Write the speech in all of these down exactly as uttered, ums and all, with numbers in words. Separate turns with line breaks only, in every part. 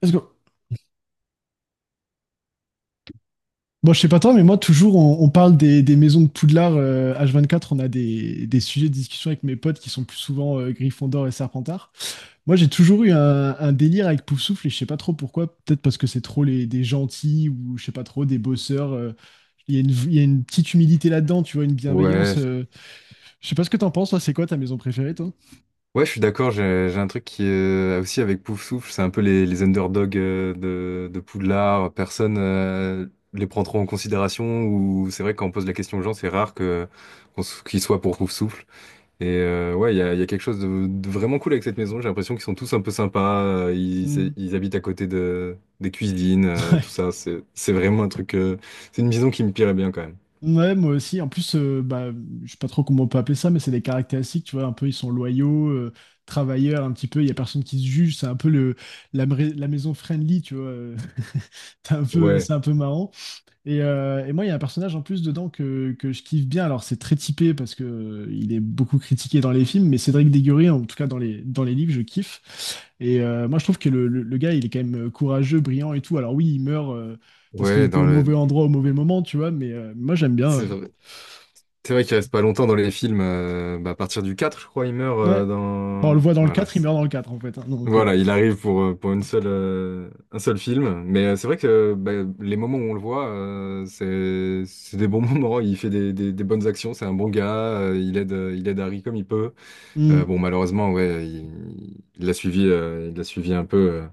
Let's go. Bon, je sais pas toi, mais moi, toujours, on, on parle des, des maisons de Poudlard euh, H vingt-quatre. On a des, des sujets de discussion avec mes potes qui sont plus souvent euh, Gryffondor et Serpentard. Moi, j'ai toujours eu un, un délire avec Poufsouffle et je sais pas trop pourquoi. Peut-être parce que c'est trop les, des gentils ou je sais pas trop, des bosseurs. euh, Il y, a une il y a une petite humilité là-dedans, tu vois, une
Ouais,
bienveillance. euh. Je sais pas ce que t'en penses, toi. C'est quoi ta maison préférée, toi?
ouais, je suis d'accord. J'ai j'ai un truc qui euh, aussi avec Pouf Souffle, c'est un peu les, les underdogs euh, de, de Poudlard. Personne euh, les prend trop en considération. Ou c'est vrai que quand on pose la question aux gens, c'est rare que qu'on s- qu'ils soient pour Pouf Souffle. Et euh, ouais, il y a, il y a quelque chose de, de vraiment cool avec cette maison. J'ai l'impression qu'ils sont tous un peu sympas. euh, Ils,
Hmm.
ils habitent à côté de des cuisines, euh,
Ouais.
tout ça. C'est c'est vraiment un truc. euh, C'est une maison qui me plairait bien quand même.
Ouais, moi aussi. En plus, euh, bah, je sais pas trop comment on peut appeler ça, mais c'est des caractéristiques, tu vois, un peu, ils sont loyaux, euh, travailleurs, un petit peu, il y a personne qui se juge, c'est un peu le, la, mra- la maison friendly, tu vois. euh, c'est un peu,
Ouais,
c'est un peu marrant. Et, euh, et moi, il y a un personnage en plus dedans que, que je kiffe bien. Alors, c'est très typé parce que euh, il est beaucoup critiqué dans les films, mais Cédric Déguerré, en tout cas dans les, dans les livres, je kiffe. Et euh, moi, je trouve que le, le- le gars, il est quand même euh, courageux, brillant et tout. Alors oui, il meurt euh, parce qu'il
ouais,
était
dans
au mauvais
le.
endroit au mauvais moment, tu vois, mais euh, moi, j'aime bien. euh.
C'est vrai qu'il reste pas longtemps dans les films. Euh, bah, à partir du quatre, je crois, il meurt euh,
Ouais. Bon, on le
dans...
voit dans le
Voilà.
quatre, il
c'est-
meurt dans le quatre en fait, hein, donc, euh,
Voilà, il arrive pour, euh, pour une seule, euh, un seul film. Mais euh, c'est vrai que euh, bah, les moments où on le voit, euh, c'est, c'est des bons moments. Il fait des, des- des bonnes actions, c'est un bon gars. Euh, il aide, euh, il aide Harry comme il peut. Euh,
hmm.
bon, malheureusement, ouais, il il l'a suivi, euh, il l'a suivi un peu euh,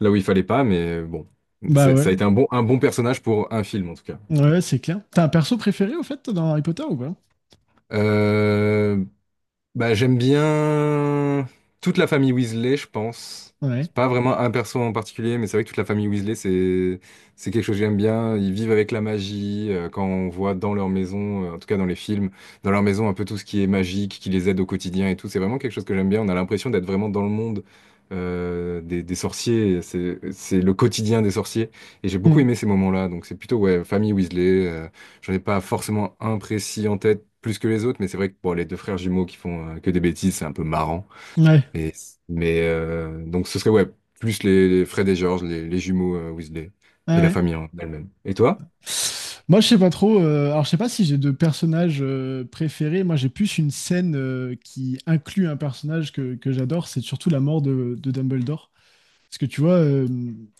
là où il fallait pas. Mais euh, bon,
Bah
c'est-
ouais,
ça a été un bon, un bon personnage pour un film, en tout cas.
ouais, c'est clair. T'as un perso préféré, au fait, dans Harry Potter ou pas?
Euh, Bah, j'aime bien toute la famille Weasley, je pense.
Ouais.
C'est pas vraiment un perso en particulier, mais c'est vrai que toute la famille Weasley, c'est c'est quelque chose que j'aime bien. Ils vivent avec la magie. Euh, quand on voit dans leur maison, euh, en tout cas dans les films, dans leur maison, un peu tout ce qui est magique, qui les aide au quotidien et tout. C'est vraiment quelque chose que j'aime bien. On a l'impression d'être vraiment dans le monde euh, des, des sorciers. C'est c'est le quotidien des sorciers. Et j'ai beaucoup
Hmm.
aimé ces moments-là. Donc c'est plutôt ouais, famille Weasley. euh, J'en ai pas forcément un précis en tête plus que les autres, mais c'est vrai que bon, les deux frères jumeaux qui font euh, que des bêtises, c'est un peu marrant.
Ouais.
Et, mais euh, donc ce serait ouais, plus les, les Fred et George, les, les jumeaux euh, Weasley
Ah
et la
ouais.
famille en elle-même. Et toi?
Moi, je sais pas trop. Euh, alors, je sais pas si j'ai de personnages euh, préférés. Moi, j'ai plus une scène euh, qui inclut un personnage que, que j'adore. C'est surtout la mort de, de Dumbledore. Parce que tu vois, euh,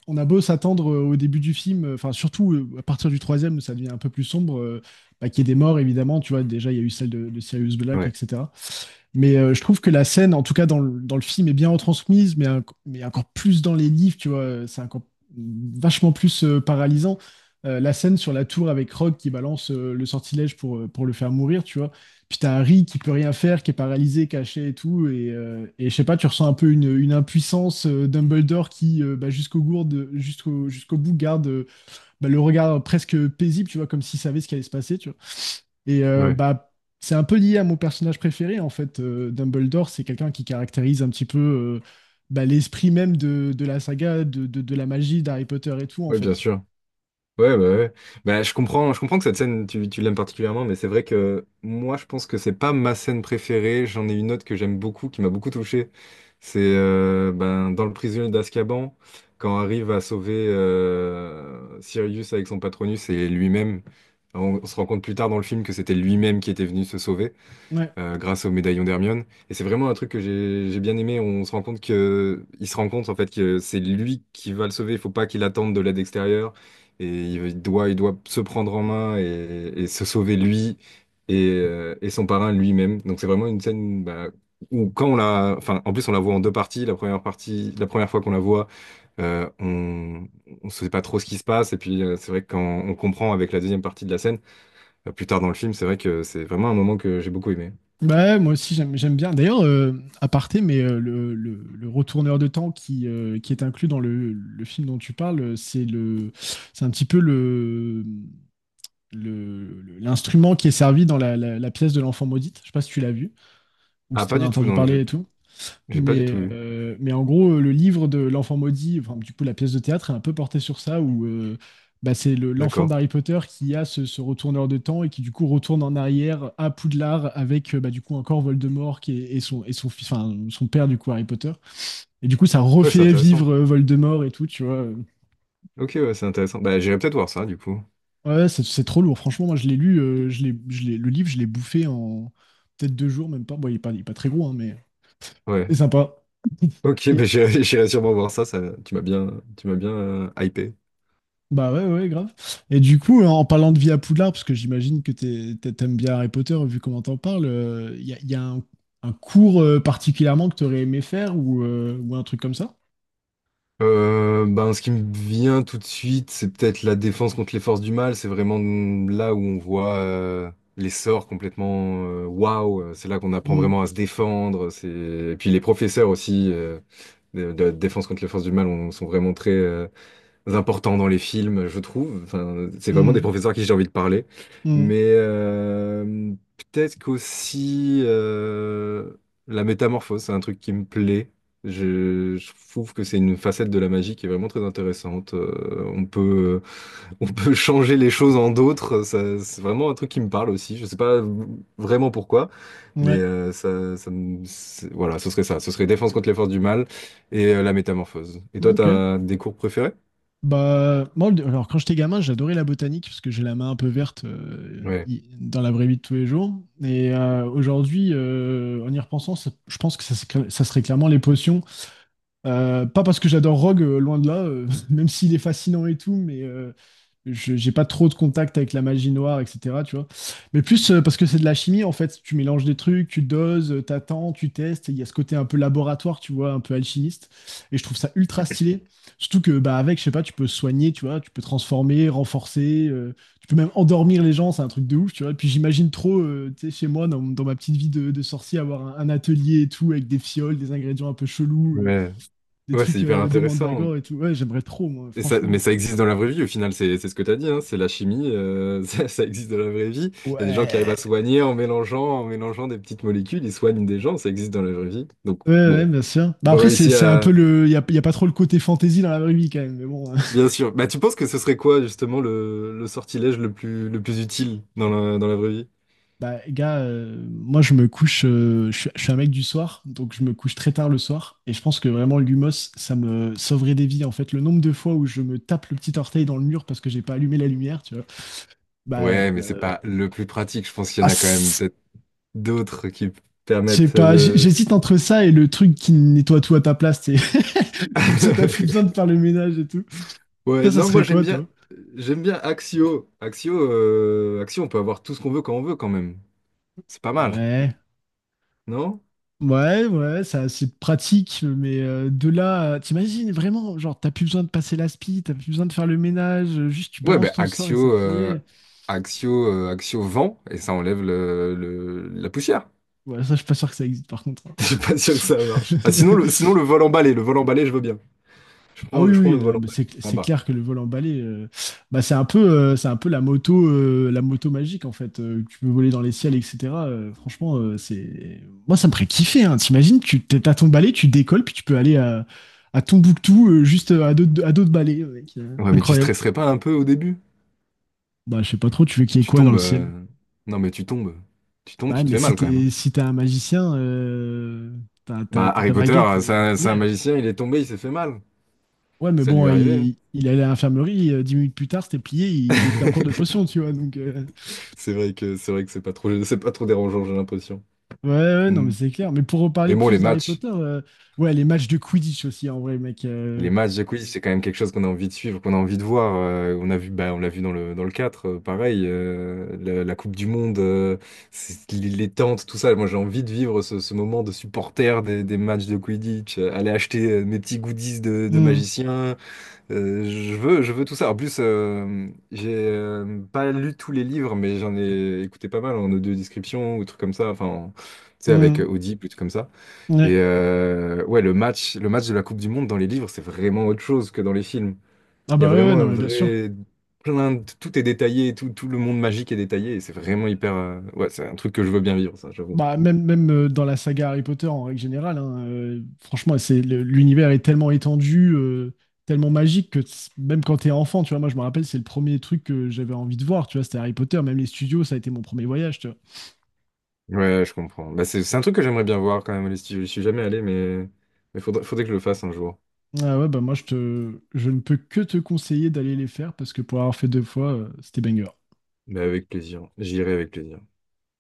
on a beau s'attendre euh, au début du film, euh, enfin, surtout euh, à partir du troisième, ça devient un peu plus sombre, euh, bah, qu'il y ait des morts, évidemment. Tu vois, déjà, il y a eu celle de, de Sirius Black,
Ouais,
et cetera. Mais euh, je trouve que la scène, en tout cas dans le, dans le film, est bien retransmise, mais, un- mais encore plus dans les livres, tu vois, euh, c'est encore vachement plus euh, paralysant. Euh, la scène sur la tour avec Rogue qui balance euh, le sortilège pour, euh, pour le faire mourir, tu vois. Puis t'as Harry qui peut rien faire, qui est paralysé, caché et tout. Et, euh, et je sais pas, tu ressens un peu une, une impuissance. euh, Dumbledore qui, euh, bah, jusqu'au gourde, jusqu'au jusqu'au bout, garde euh, bah, le regard presque paisible, tu vois, comme s'il savait ce qui allait se passer, tu vois. Et euh,
ouais,
bah, c'est un peu lié à mon personnage préféré, en fait. Euh, Dumbledore, c'est quelqu'un qui caractérise un petit peu euh, bah, l'esprit même de, de la saga, de, de- de la magie d'Harry Potter et tout, en
ouais,
fait.
bien
Tu
sûr. Ouais, bah ouais. Bah, je comprends, je comprends que cette scène, tu, tu l'aimes particulièrement, mais c'est vrai que moi, je pense que c'est pas ma scène préférée. J'en ai une autre que j'aime beaucoup, qui m'a beaucoup touché. C'est euh, ben, dans le prisonnier d'Azkaban, quand arrive à sauver euh, Sirius avec son Patronus et lui-même. On, on se rend compte plus tard dans le film que c'était lui-même qui était venu se sauver
vois. Ouais.
euh, grâce au médaillon d'Hermione. Et c'est vraiment un truc que j'ai j'ai bien aimé. On se rend compte que il se rend compte en fait que c'est lui qui va le sauver. Il faut pas qu'il attende de l'aide extérieure. Et il doit, il doit se prendre en main et, et se sauver lui et, euh, et son parrain lui-même. Donc c'est vraiment une scène bah, où quand on la, enfin en plus on la voit en deux parties. La première partie, la première fois qu'on la voit, euh, on ne sait pas trop ce qui se passe. Et puis euh, c'est vrai que quand on comprend avec la deuxième partie de la scène euh, plus tard dans le film, c'est vrai que c'est vraiment un moment que j'ai beaucoup aimé.
Bah, ouais, moi aussi, j'aime, j'aime bien. D'ailleurs, euh, à aparté, mais euh, le, le- le retourneur de temps qui, euh, qui est inclus dans le, le film dont tu parles, euh, c'est le, c'est un petit peu le, le- le- l'instrument qui est servi dans la, la- la pièce de l'enfant maudite. Je sais pas si tu l'as vu ou
Ah,
si tu
pas
en as
du tout,
entendu
non, je-
parler et tout.
j'ai pas du tout
Mais,
vu.
euh, mais en gros, euh, le livre de l'enfant maudit, enfin, du coup, la pièce de théâtre est un peu portée sur ça, où euh, bah, c'est le- l'enfant
D'accord.
d'Harry Potter qui a ce, ce retourneur de temps et qui, du coup, retourne en arrière à Poudlard avec, euh, bah, du coup, encore Voldemort qui est- et, son, et son, fils- enfin, son père, du coup, Harry Potter. Et du coup, ça
Ouais, c'est
refait
intéressant.
vivre euh, Voldemort et tout, tu vois.
Ok, ouais, c'est intéressant. Bah, j'irai peut-être voir ça, du coup.
Ouais, ouais, c'est c'est trop lourd. Franchement, moi, je l'ai lu, euh, je l'ai, je l'ai- le livre, je l'ai bouffé en peut-être deux jours, même pas. Bon, il est pas, il est pas très gros, hein, mais
Ouais.
c'est sympa.
Ok, bah,
Et,
j'irai j'irai sûrement voir ça, ça, tu m'as bien, tu m'as bien euh, hypé.
Bah ouais, ouais, ouais, grave. Et du coup, en parlant de vie à Poudlard, parce que j'imagine que t'es- t'es- t'aimes bien Harry Potter, vu comment t'en parles, il y a, y a un, un cours euh, particulièrement que t'aurais aimé faire ou, euh, ou un truc comme ça?
Euh, ben, ce qui me vient tout de suite, c'est peut-être la défense contre les forces du mal. C'est vraiment là où on voit euh, les sorts complètement euh, waouh. euh, C'est là qu'on apprend
Hmm,
vraiment à se défendre. C'est... Et puis les professeurs aussi euh, de, de la défense contre les forces du mal on- sont vraiment très, euh, importants dans les films, je trouve. Enfin, c'est vraiment des
hmm,
professeurs à qui j'ai envie de parler.
hmm,
Mais euh, peut-être qu'aussi euh, la métamorphose, c'est un truc qui me plaît. Je, je trouve que c'est une facette de la magie qui est vraiment très intéressante. Euh, on peut, euh, on peut changer les choses en d'autres. Ça, c'est vraiment un truc qui me parle aussi. Je sais pas vraiment pourquoi, mais
ouais,
euh, ça, ça me- c'est- voilà, ce serait ça. Ce serait défense contre les forces du mal et euh, la métamorphose. Et toi,
ok.
t'as des cours préférés?
Bah, moi, le- alors quand j'étais gamin, j'adorais la botanique, parce que j'ai la main un peu verte euh,
Ouais.
y- dans la vraie vie de tous les jours. Et euh, aujourd'hui, euh, en y repensant, ça- je pense que ça, se- ça serait clairement les potions. Euh, pas parce que j'adore Rogue, euh, loin de là, euh, même s'il est fascinant et tout, mais euh, je- j'ai pas trop de contact avec la magie noire, et cetera. Tu vois. Mais plus euh, parce que c'est de la chimie, en fait. Tu mélanges des trucs, tu doses, euh, t'attends, tu testes. Il y a ce côté un peu laboratoire, tu vois, un peu alchimiste. Et je trouve ça ultra stylé. Surtout que bah, avec, je sais pas, tu peux soigner, tu vois, tu peux transformer, renforcer, euh, tu peux même endormir les gens, c'est un truc de ouf, tu vois. Et puis j'imagine trop, euh, tu sais, chez moi, dans, dans ma petite vie de, de sorcier, avoir un, un atelier et tout, avec des fioles, des ingrédients un peu chelous. euh,
Ouais,
Des
ouais, c'est
trucs
hyper
euh, de
intéressant.
Mandragore et tout. Ouais, j'aimerais trop, moi,
Et ça,
franchement.
mais ça existe dans la vraie vie, au final, c'est c'est ce que tu as dit, hein, c'est la chimie, euh, ça, ça existe dans la vraie vie. Il y a des gens qui arrivent
Ouais.
à soigner en mélangeant, en mélangeant des petites molécules, ils soignent des gens, ça existe dans la vraie vie. Donc,
Ouais, ouais,
bon,
bien sûr. Bah
ils ont
après, c'est
réussi
c'est un peu
à...
le. Il n'y a, y a pas trop le côté fantasy dans la vraie vie quand même. Mais bon,
Bien sûr. Bah, tu penses que ce serait quoi, justement, le, le sortilège le plus, le plus utile dans la, dans la vraie vie?
bah, gars, euh, moi, je me couche. Euh, je, suis, je suis un mec du soir, donc je me couche très tard le soir. Et je pense que vraiment, l'humos, ça me sauverait des vies. En fait, le nombre de fois où je me tape le petit orteil dans le mur parce que j'ai pas allumé la lumière, tu vois. Bah,
Ouais, mais c'est
euh,
pas le plus pratique, je pense qu'il y
ah,
en a quand même
c'est-
peut-être d'autres qui
je sais
permettent
pas. j'-
de...
J'hésite entre ça et le truc qui nettoie tout à ta place. Tu sais. Comme ça, t'as plus besoin de faire le ménage et tout.
Ouais,
Toi, ça
non, moi
serait
j'aime
quoi,
bien,
toi?
j'aime bien Axio. Axio, euh, Axio, on peut avoir tout ce qu'on veut quand on veut quand même. C'est pas mal,
Ouais.
non?
Ouais, ouais, ça, c'est pratique, mais euh, de là, à- t'imagines vraiment, genre, t'as plus besoin de passer l'aspi, t'as plus besoin de faire le ménage, euh, juste tu
Ouais,
balances
ben
ton sort et c'est
Axio, euh,
plié.
Axio, euh, Axio vent et ça enlève le, le- la poussière.
Ouais, ça, je suis pas sûr que ça existe, par contre,
Je suis pas sûr que ça
hein.
marche. Ah, sinon le, sinon le vol emballé, le vol emballé, je veux bien. Je
Ah
prends,
oui,
je prends
oui,
le vol
non, mais
emballé,
c'est
c'est
c'est
sympa.
clair que le vol emballé, euh, bah c'est un peu, euh, c'est un peu la moto, euh, la moto magique en fait. euh, Que tu peux voler dans les ciels, et cetera euh, Franchement, euh, c'est, moi ça me ferait kiffer. Hein. T'imagines, tu t'es- t'as ton balai, tu décolles, puis tu peux aller à, à Tombouctou euh, juste euh, à dos de, à dos de balai, mec. Euh,
Ouais, mais tu
incroyable.
stresserais pas un peu au début?
Bah je sais pas trop, tu veux qu'il y ait
Tu
quoi dans
tombes.
le ciel?
Euh, Non, mais tu tombes. Tu tombes,
Bah
tu te
mais
fais
si
mal quand même. Hein.
t'es, si t'es un magicien, euh, t'as, t'as-
Bah
t'as
Harry
ta
Potter,
baguette.
euh, c'est
Euh,
un, c'est un
yeah.
magicien, il est tombé, il s'est fait mal.
Ouais, mais
Ça lui
bon,
est arrivé.
il, il allait à l'infirmerie, euh, dix minutes plus tard, c'était plié, il était en
Hein.
cours de potion, tu vois, donc... euh,
C'est vrai que c'est vrai que c'est pas trop c'est pas trop dérangeant, j'ai l'impression.
Ouais, ouais, non, mais
Mm.
c'est clair. Mais pour reparler
Mais bon, les
plus d'Harry
matchs,
Potter, euh, ouais, les matchs de Quidditch aussi, en vrai, mec. Euh,
les matchs de quiz, c'est quand même quelque chose qu'on a envie de suivre, qu'on a envie de voir. Euh, on a vu, bah, on l'a vu dans le dans le quatre euh, pareil, euh, la, la Coupe du Monde, euh, c'est- les les tentes, tout ça. Moi, j'ai envie de vivre ce, ce moment de supporter des, des matchs de Quidditch, euh, aller acheter euh, mes petits goodies de, de
hmm,
magicien, Euh, je veux, je veux tout ça. En plus, euh, j'ai euh, pas lu tous les livres, mais j'en ai écouté pas mal en audio description ou trucs comme ça. Enfin, tu sais, avec
hmm,
Audible ou trucs comme ça.
ouais.
Et euh, ouais, le match, le match de la Coupe du Monde dans les livres, c'est vraiment autre chose que dans les films.
Ah
Il y a
bah ouais, ouais,
vraiment
non,
un
mais bien sûr.
vrai plein de- tout est détaillé, tout, tout le monde magique est détaillé. Et c'est vraiment hyper. euh, Ouais, c'est un truc que je veux bien vivre, ça, j'avoue.
Bah, même, même euh, dans la saga Harry Potter, en règle générale, hein, euh, franchement, c'est, le- l'univers est tellement étendu, euh, tellement magique que t's- même quand t'es enfant, tu vois, moi, je me rappelle, c'est le premier truc que j'avais envie de voir, tu vois, c'était Harry Potter. Même les studios, ça a été mon premier voyage, tu vois.
Ouais, je comprends. Bah, c'est, c'est un truc que j'aimerais bien voir quand même. Je suis je suis jamais allé, mais mais faudrait, faudrait que je le fasse un jour.
Ah ouais, bah moi, je te, je ne peux que te conseiller d'aller les faire parce que pour avoir fait deux fois, euh, c'était banger.
Mais avec plaisir. J'irai avec plaisir.